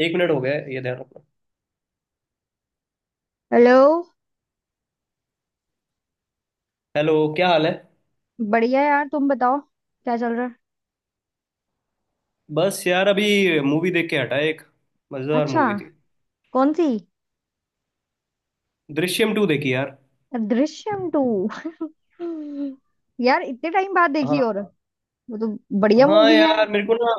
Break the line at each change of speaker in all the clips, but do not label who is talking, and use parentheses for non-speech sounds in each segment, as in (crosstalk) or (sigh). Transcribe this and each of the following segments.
एक मिनट हो गया है, ये ध्यान रखना।
हेलो।
हेलो, क्या हाल है?
बढ़िया यार, तुम बताओ क्या चल रहा है।
बस यार, अभी मूवी देख के हटा। एक मजेदार
अच्छा,
मूवी थी।
कौन सी?
दृश्यम टू देखी यार।
दृश्यम टू? (laughs) यार इतने टाइम बाद देखी।
हाँ।
और वो तो बढ़िया
हाँ
मूवी है।
यार, मेरे को ना,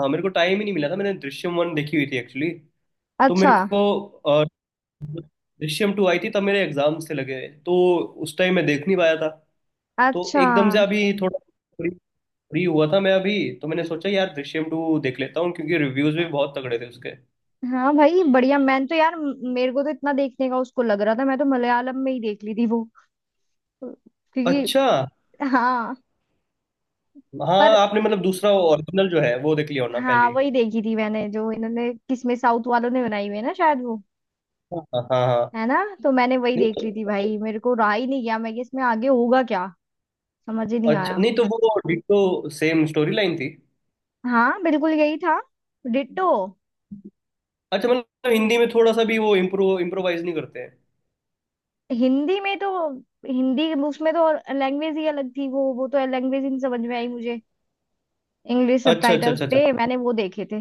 हाँ, मेरे को टाइम ही नहीं मिला था। मैंने दृश्यम वन देखी हुई थी एक्चुअली। तो
अच्छा
मेरे को अ, दृश्यम टू आई थी तब मेरे एग्जाम से लगे। तो उस टाइम मैं देख नहीं पाया था। तो
अच्छा।
एकदम से अभी थोड़ा फ्री फ्री हुआ था मैं अभी। तो मैंने सोचा यार दृश्यम टू देख लेता हूँ क्योंकि रिव्यूज भी बहुत तगड़े थे उसके।
हाँ भाई बढ़िया। मैंने तो यार मेरे को तो इतना देखने का उसको लग रहा था। मैं तो मलयालम में ही देख ली थी वो, क्योंकि,
अच्छा।
हाँ।
हाँ,
पर
आपने मतलब दूसरा ओरिजिनल जो है वो देख लिया होना
हाँ,
पहले।
वही देखी थी मैंने जो इन्होंने किसमें साउथ वालों ने बनाई हुई है ना, शायद वो।
हाँ हाँ हाँ।
है ना, तो मैंने वही
नहीं
देख ली थी
तो-
भाई, मेरे को रहा ही नहीं गया मैं कि इसमें आगे होगा क्या, समझ ही नहीं
अच्छा,
आया।
नहीं तो वो डिट्टो सेम स्टोरी लाइन थी।
हाँ बिल्कुल यही था, डिट्टो।
अच्छा, मतलब हिंदी में थोड़ा सा भी वो इम्प्रोवाइज नहीं करते हैं।
हिंदी में तो, हिंदी उसमें तो लैंग्वेज ही अलग थी। वो तो लैंग्वेज ही नहीं समझ में आई मुझे। इंग्लिश
अच्छा अच्छा
सबटाइटल्स
अच्छा अच्छा
थे,
अच्छा।
मैंने वो देखे थे।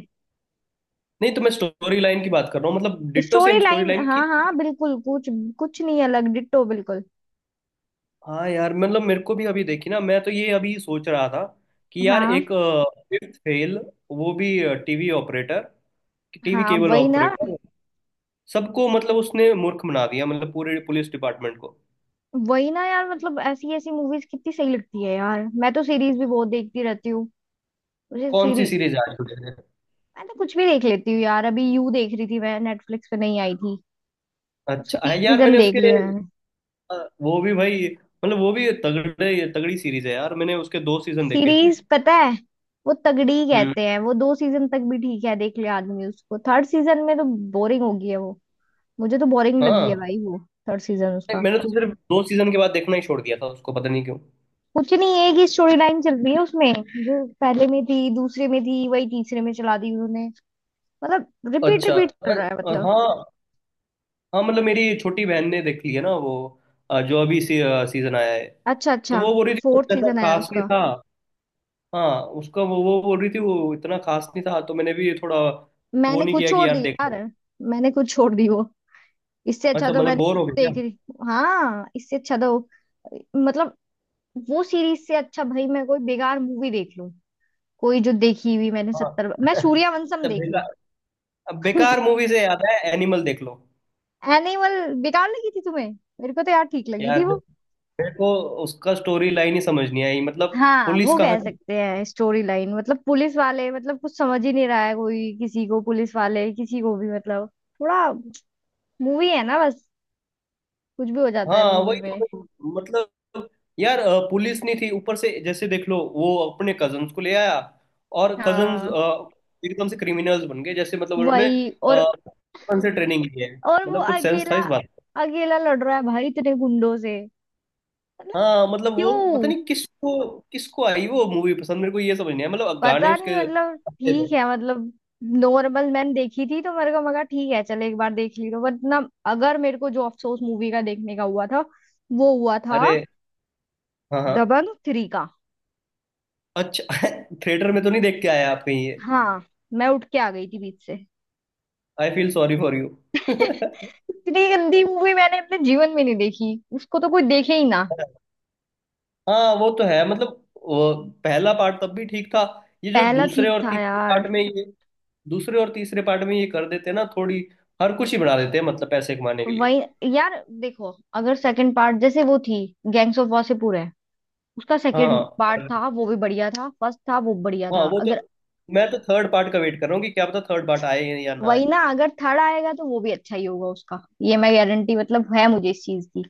नहीं तो मैं स्टोरी लाइन की बात कर रहा हूँ, मतलब ditto
story
same story
line
line
हाँ
की।
हाँ बिल्कुल, कुछ कुछ नहीं अलग, डिट्टो बिल्कुल।
हाँ यार, मतलब मेरे को भी अभी देखी ना। मैं तो ये अभी सोच रहा था कि यार
हाँ
एक फिफ्थ फेल, वो भी टीवी ऑपरेटर टीवी
हाँ
केबल
वही ना।
ऑपरेटर, सबको मतलब उसने मूर्ख बना दिया, मतलब पूरे पुलिस डिपार्टमेंट को।
वही ना यार, मतलब ऐसी ऐसी मूवीज कितनी सही लगती है यार। मैं तो सीरीज भी बहुत देखती रहती हूँ, मुझे
कौन सी
सीरीज।
सीरीज आ चुकी है?
मैं तो कुछ भी देख लेती हूँ यार। अभी यू देख रही थी मैं, नेटफ्लिक्स पे नहीं आई थी। उसके
अच्छा
तीन
है यार,
सीजन
मैंने
देख
उसके
लिए मैंने।
अ, वो भी भाई, मतलब वो भी तगड़े तगड़ी सीरीज है यार। मैंने उसके दो सीजन देखे थे।
सीरीज पता है, वो तगड़ी ही
हम्म।
कहते हैं। वो दो सीजन तक भी ठीक है, देख ले आदमी उसको, थर्ड सीजन में तो बोरिंग हो गई है वो। मुझे तो बोरिंग लगी है
हाँ।
भाई वो, थर्ड सीजन
नहीं,
उसका।
मैंने तो सिर्फ दो सीजन के बाद देखना ही छोड़ दिया था उसको, पता नहीं क्यों।
कुछ नहीं, एक ही स्टोरी लाइन चल रही है उसमें। जो पहले में थी दूसरे में थी, वही तीसरे में चला दी उन्होंने। मतलब रिपीट
अच्छा।
रिपीट चल रहा है मतलब।
हाँ। हाँ, मतलब मेरी छोटी बहन ने देख ली है ना वो जो अभी सीजन आया है।
अच्छा
तो
अच्छा।
वो बोल रही थी कुछ
फोर्थ
ऐसा
सीजन आया
खास नहीं
उसका।
था। हाँ, उसका वो बोल रही थी वो इतना खास नहीं था, तो मैंने भी थोड़ा वो
मैंने
नहीं
कुछ
किया कि
छोड़ दी
यार देख ले।
यार। मैंने कुछ छोड़ दी वो। इससे अच्छा
अच्छा,
तो
मतलब
मैंने,
बोर हो गया।
देख रही, हाँ इससे अच्छा तो मतलब, वो सीरीज से अच्छा भाई मैं कोई बेकार मूवी देख लूं, कोई जो देखी हुई, मैंने
हाँ।
सत्तर मैं
(laughs)
सूर्यवंशम
तो
देख लूं।
बेकार, अब बेकार मूवी से याद है, एनिमल देख लो।
एनिमल बेकार लगी थी तुम्हें? मेरे को तो यार ठीक लगी थी
यार,
वो।
मेरे को उसका स्टोरी लाइन ही समझ नहीं आई मतलब।
हाँ
पुलिस
वो कह
कहाँ थी?
सकते हैं स्टोरी लाइन। मतलब पुलिस वाले, मतलब कुछ समझ ही नहीं रहा है कोई किसी को, पुलिस वाले किसी को भी मतलब। थोड़ा, मूवी है ना बस, कुछ भी हो जाता है
हाँ,
मूवी
वही
में।
तो मतलब, यार पुलिस नहीं थी। ऊपर से जैसे देख लो वो अपने कजन्स को ले आया और कजन्स
हाँ
एकदम से क्रिमिनल्स बन गए जैसे, मतलब उन्होंने
वही,
बचपन से ट्रेनिंग ली है।
और वो
मतलब कुछ सेंस था
अकेला,
इस बात का।
अकेला लड़ रहा है भाई इतने गुंडों से, मतलब।
हाँ, मतलब वो पता
क्यों,
नहीं किसको किसको आई वो मूवी पसंद, मेरे को ये समझ नहीं आया, मतलब गाने
पता
उसके
नहीं, मतलब
अच्छे
ठीक
थे।
है मतलब नॉर्मल। मैंने देखी थी तो मेरे को मगा ठीक है, चलो एक बार देख ली, तो वरना। अगर मेरे को जो अफसोस मूवी का देखने का हुआ था वो हुआ था
अरे, हाँ हाँ।
दबंग थ्री का।
अच्छा। (laughs) थिएटर में तो नहीं देख के आया आप कहीं ये?
हाँ, मैं उठ के आ गई थी बीच से।
I feel sorry for you. (laughs)
इतनी गंदी मूवी मैंने अपने जीवन में नहीं देखी, उसको तो कोई देखे ही ना।
हाँ, वो तो है मतलब, वो पहला पार्ट तब भी ठीक था। ये जो
पहला
दूसरे
ठीक
और
था
तीसरे
यार।
पार्ट में ये दूसरे और तीसरे पार्ट में ये कर देते हैं ना थोड़ी, हर कुछ ही बना देते हैं, मतलब पैसे कमाने के लिए।
वही, यार देखो, अगर सेकंड पार्ट जैसे वो थी, गैंग्स ऑफ वासेपुर है, उसका
हाँ हाँ,
सेकंड पार्ट
और-
था वो भी बढ़िया था, फर्स्ट था वो बढ़िया
हाँ,
था,
वो तो
अगर।
मैं तो थर्ड पार्ट का वेट कर रहा हूँ कि क्या पता थर्ड पार्ट आए या ना
वही
आए।
ना, अगर थर्ड आएगा तो वो भी अच्छा ही होगा उसका, ये मैं गारंटी मतलब है मुझे इस चीज की।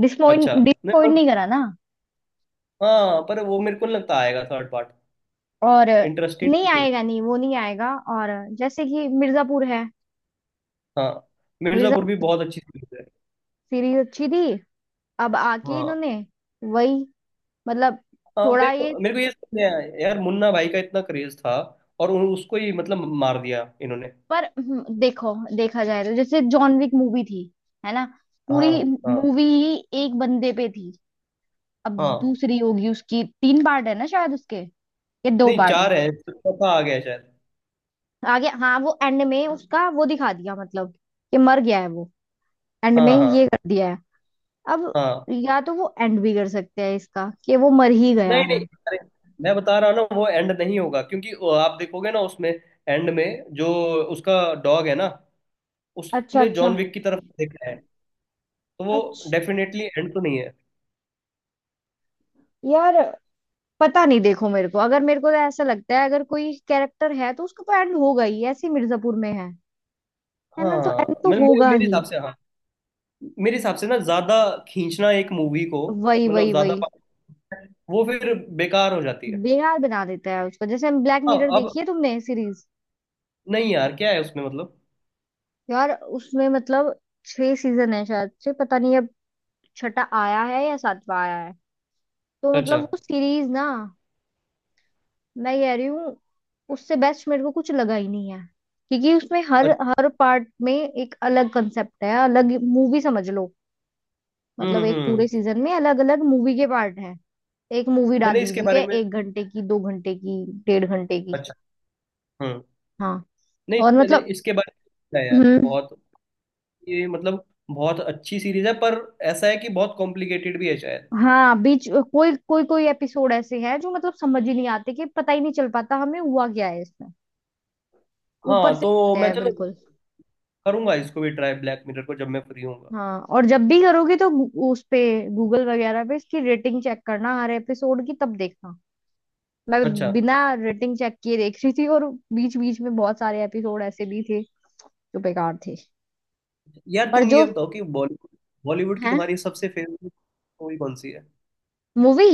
डिसपॉइंट
अच्छा, नहीं
डिसपॉइंट
पर
नहीं करा ना।
हाँ, पर वो मेरे को नहीं लगता आएगा थर्ड पार्ट,
और,
इंटरेस्टेड
नहीं
भी हूँ।
आएगा, नहीं वो नहीं आएगा। और, जैसे कि मिर्जापुर है।
हाँ, मिर्जापुर भी
मिर्जापुर
बहुत अच्छी सीरीज है।
सीरीज अच्छी थी, अब आके
हाँ
इन्होंने वही मतलब,
हाँ, मेरे
थोड़ा ये।
को मेरे को ये समझ नहीं आया यार, मुन्ना भाई का इतना क्रेज था और उसको ही मतलब मार दिया इन्होंने।
पर देखो, देखा जाए तो, जैसे जॉन विक मूवी थी, है ना,
हाँ
पूरी
हाँ
मूवी ही एक बंदे पे थी। अब
हाँ।
दूसरी होगी उसकी, तीन पार्ट है ना शायद उसके, या दो
नहीं,
पार्ट।
चार है, चौथा आ गया शायद।
आगे, हाँ वो एंड में उसका वो दिखा दिया, मतलब कि मर गया है वो। एंड में
हाँ
ये
हाँ
कर दिया है अब,
हाँ।
या तो वो एंड भी कर सकते हैं इसका कि वो मर ही गया
नहीं नहीं,
है।
अरे मैं बता रहा हूँ ना वो एंड नहीं होगा क्योंकि वो आप देखोगे ना उसमें एंड में जो उसका डॉग है ना,
अच्छा
उसने
अच्छा
जॉन विक की तरफ देखा है। तो वो
अच्छा।
डेफिनेटली एंड तो नहीं है।
यार पता नहीं, देखो मेरे को, अगर मेरे को तो ऐसा लगता है, अगर कोई कैरेक्टर है तो उसका तो एंड होगा ही, ऐसे मिर्जापुर में है ना, तो एंड
हाँ,
तो
मतलब मेरे
होगा
मेरे
ही।
हिसाब से हाँ। मेरे हिसाब से ना ज्यादा खींचना एक मूवी को,
वही
मतलब
वही
ज्यादा,
वही।
वो फिर बेकार हो जाती है।
बेकार बना देता है उसको। जैसे हम, ब्लैक
हाँ
मिरर
अब,
देखी है तुमने सीरीज?
नहीं यार क्या है उसमें मतलब।
यार उसमें मतलब, छह सीजन है शायद से पता नहीं, छठा आया है या सातवां आया है। तो मतलब
अच्छा
वो सीरीज ना, मैं कह रही हूँ, उससे बेस्ट मेरे को कुछ लगा ही नहीं है। क्योंकि उसमें हर
अच्छा।
हर पार्ट में एक अलग कंसेप्ट है, अलग मूवी समझ लो।
हम्म
मतलब
हम्म
एक
हम्म।
पूरे सीजन में अलग अलग मूवी के पार्ट है। एक मूवी
मैंने
डाली
इसके
हुई
बारे
है,
में-
एक घंटे की, दो घंटे की, डेढ़ घंटे की।
अच्छा। हम्म।
हाँ।
नहीं,
और
मैंने
मतलब
इसके बारे में सुना है
(clears throat)
यार
हम्म।
बहुत, ये मतलब बहुत अच्छी सीरीज है, पर ऐसा है कि बहुत कॉम्प्लिकेटेड भी है शायद।
हाँ बीच, कोई कोई कोई एपिसोड ऐसे है जो, मतलब समझ ही नहीं आते, कि पता ही नहीं चल पाता हमें हुआ क्या है इसमें।
हाँ,
ऊपर से
तो
आते
मैं
हैं
चलो
बिल्कुल।
करूंगा इसको भी ट्राई, ब्लैक मिरर को, जब मैं फ्री होऊंगा।
हाँ, और जब भी करोगी तो उस पे गूगल वगैरह पे इसकी रेटिंग चेक करना, हर एपिसोड की तब देखना। मैं
अच्छा।
बिना रेटिंग चेक किए देख रही थी, और बीच बीच में बहुत सारे एपिसोड ऐसे भी थे जो बेकार थे।
यार
पर
तुम
जो
ये बताओ कि बॉलीवुड बॉलीवुड की
है।
तुम्हारी सबसे फेवरेट मूवी कौन सी है?
मूवी?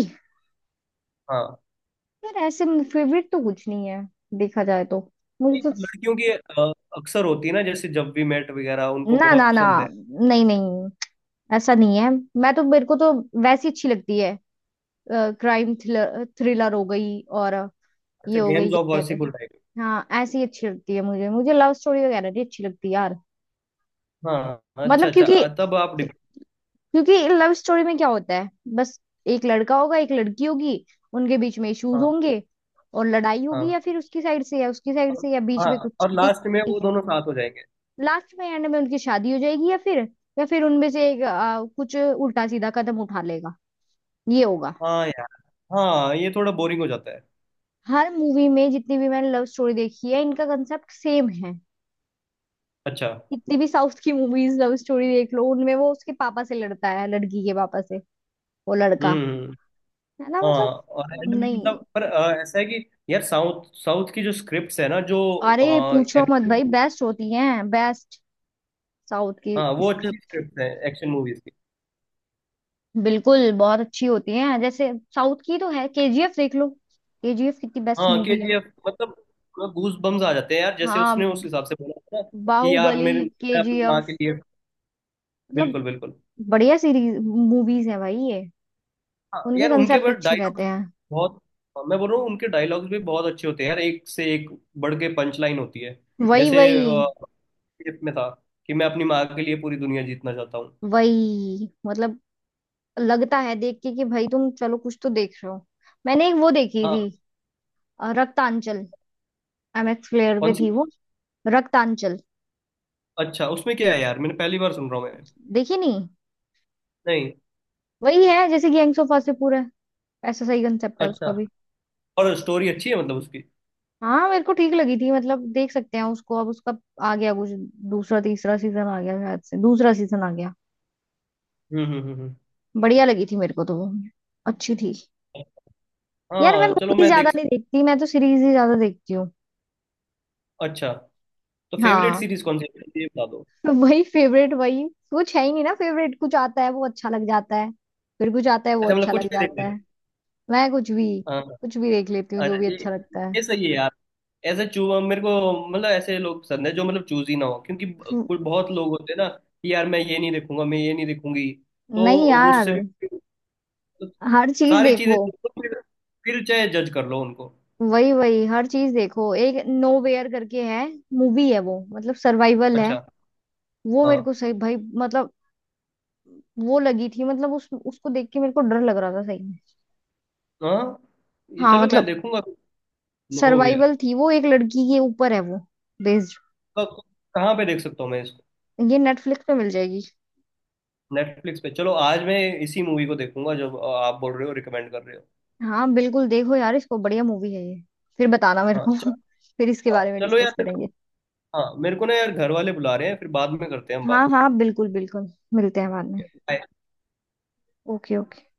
हाँ।
यार ऐसे फेवरेट तो कुछ नहीं है देखा जाए तो, मुझे
नहीं,
तो।
लड़कियों की अक्सर होती है ना, जैसे जब वी मेट वगैरह, उनको
ना
बहुत
ना ना,
पसंद है।
नहीं नहीं, ऐसा नहीं है। मैं तो, मेरे को तो वैसी अच्छी लगती है, क्राइम थ्रिलर, थ्रिलर हो गई, और ये
अच्छा,
हो गई,
गैंग्स ऑफ
क्या कहते हैं।
वासेपुर टाइप।
हाँ ऐसी अच्छी लगती है मुझे मुझे लव स्टोरी वगैरह भी अच्छी लगती है यार,
हाँ। अच्छा
मतलब
अच्छा,
क्योंकि,
तब आप
क्योंकि लव स्टोरी में क्या होता है बस, एक लड़का होगा एक लड़की होगी, उनके बीच में इश्यूज
हाँ
होंगे और लड़ाई होगी,
हाँ,
या फिर उसकी साइड से या उसकी साइड
और-
से, या बीच में
हाँ,
कुछ
और लास्ट में
चीटिंग।
वो दोनों साथ हो जाएंगे।
लास्ट में, एंड में उनकी शादी हो जाएगी, या फिर, या फिर उनमें से एक कुछ उल्टा सीधा कदम उठा लेगा, ये होगा।
हाँ यार, हाँ, ये थोड़ा बोरिंग हो जाता है।
हर मूवी में जितनी भी मैंने लव स्टोरी देखी है इनका कंसेप्ट सेम है।
अच्छा।
कितनी भी साउथ की मूवीज लव स्टोरी देख लो, उनमें वो उसके पापा से लड़ता है, लड़की के पापा से, वो लड़का,
हम्म।
है ना,
हाँ,
मतलब।
और एंड में
नहीं,
मतलब, पर ऐसा है कि यार साउथ, की जो स्क्रिप्ट्स है ना, जो
अरे पूछो मत
एक्शन।
भाई, बेस्ट होती हैं बेस्ट, साउथ की
हाँ, वो अच्छी
स्क्रिप्ट
स्क्रिप्ट है एक्शन मूवीज की।
बिल्कुल बहुत अच्छी होती हैं। जैसे साउथ की तो है, केजीएफ देख लो, केजीएफ कितनी बेस्ट
हाँ, के
मूवी है।
जी एफ मतलब गूज बम्स आ जाते हैं यार, जैसे उसने उस
हाँ
हिसाब से बोला था ना कि यार
बाहुबली,
मेरे मैं अपनी माँ के
केजीएफ,
लिए।
मतलब
बिल्कुल बिल्कुल।
बढ़िया सीरीज मूवीज है भाई ये।
हाँ
उनके
यार, उनके
कंसेप्ट
बस
अच्छे रहते
डायलॉग
हैं।
बहुत। हाँ, मैं बोल रहा हूँ उनके डायलॉग्स भी बहुत अच्छे होते हैं यार, एक से एक बढ़ के पंच लाइन होती है।
वही
जैसे
वही
केजीएफ में था कि मैं अपनी माँ के लिए पूरी दुनिया जीतना चाहता हूँ।
वही। मतलब लगता है देख के कि भाई तुम चलो कुछ तो देख रहे हो। मैंने एक वो देखी
हाँ।
थी, रक्तांचल, एमएक्स प्लेयर पे
कौन सी?
थी वो। रक्तांचल,
अच्छा, उसमें क्या है यार? मैंने पहली बार सुन रहा हूँ मैं।
देखी नहीं?
नहीं।
वही है जैसे गैंग्स ऑफ वासेपुर है, ऐसा सही कंसेप्ट है
अच्छा,
उसका भी।
और स्टोरी अच्छी है मतलब उसकी?
हाँ मेरे को ठीक लगी थी, मतलब देख सकते हैं उसको। अब उसका आ गया कुछ, दूसरा तीसरा सीजन आ गया शायद से, दूसरा सीजन आ गया।
हम्म हम्म हम्म हम्म।
बढ़िया लगी थी मेरे को तो वो, अच्छी थी। यार मैं
हाँ चलो
मूवीज
मैं
ज्यादा
देख।
नहीं देखती, मैं तो सीरीज ही ज्यादा देखती हूँ।
अच्छा, तो फेवरेट
हाँ
सीरीज कौन सी है ये बता दो।
तो वही फेवरेट, वही कुछ है ही नहीं ना फेवरेट, कुछ आता है वो अच्छा लग जाता है, फिर कुछ आता है वो
ऐसे मतलब
अच्छा
कुछ
लग
भी देख
जाता
लेते हैं।
है। मैं कुछ भी,
हाँ।
कुछ भी देख लेती हूँ जो
अच्छा,
भी
ये
अच्छा लगता है।
ये सही है यार। ऐसे चू मेरे को मतलब ऐसे लोग पसंद है जो मतलब चूज ही ना हो, क्योंकि कुछ बहुत लोग होते हैं ना कि यार मैं ये नहीं देखूंगा, मैं ये नहीं देखूंगी। तो
नहीं
वो
यार,
उससे भी तो
हर चीज
सारी चीजें
देखो।
देखो, फिर चाहे जज कर लो उनको।
वही वही, हर चीज देखो। एक नो वेयर करके है, मूवी है वो, मतलब सर्वाइवल है।
अच्छा,
वो मेरे
हाँ
को सही भाई, मतलब, वो लगी थी मतलब, उस उसको देख के मेरे को डर लग रहा था सही में।
हाँ। ये
हाँ
चलो मैं
मतलब
देखूंगा, नो वेयर।
सर्वाइवल थी वो, एक लड़की के ऊपर है वो बेस्ड।
कहाँ पे देख सकता हूँ मैं इसको?
ये नेटफ्लिक्स पे मिल जाएगी।
नेटफ्लिक्स पे चलो, आज मैं इसी मूवी को देखूंगा जो आप बोल रहे हो, रिकमेंड कर रहे हो।
हाँ बिल्कुल देखो यार इसको, बढ़िया मूवी है ये। फिर बताना मेरे
हाँ
को
चलो,
(laughs) फिर इसके
हाँ
बारे में
चलो
डिस्कस
यार।
करेंगे।
हाँ, मेरे को ना यार घर वाले बुला रहे हैं, फिर बाद में करते हैं हम
हाँ
बात।
हाँ बिल्कुल बिल्कुल, मिलते हैं बाद में।
बाय।
Okay okay.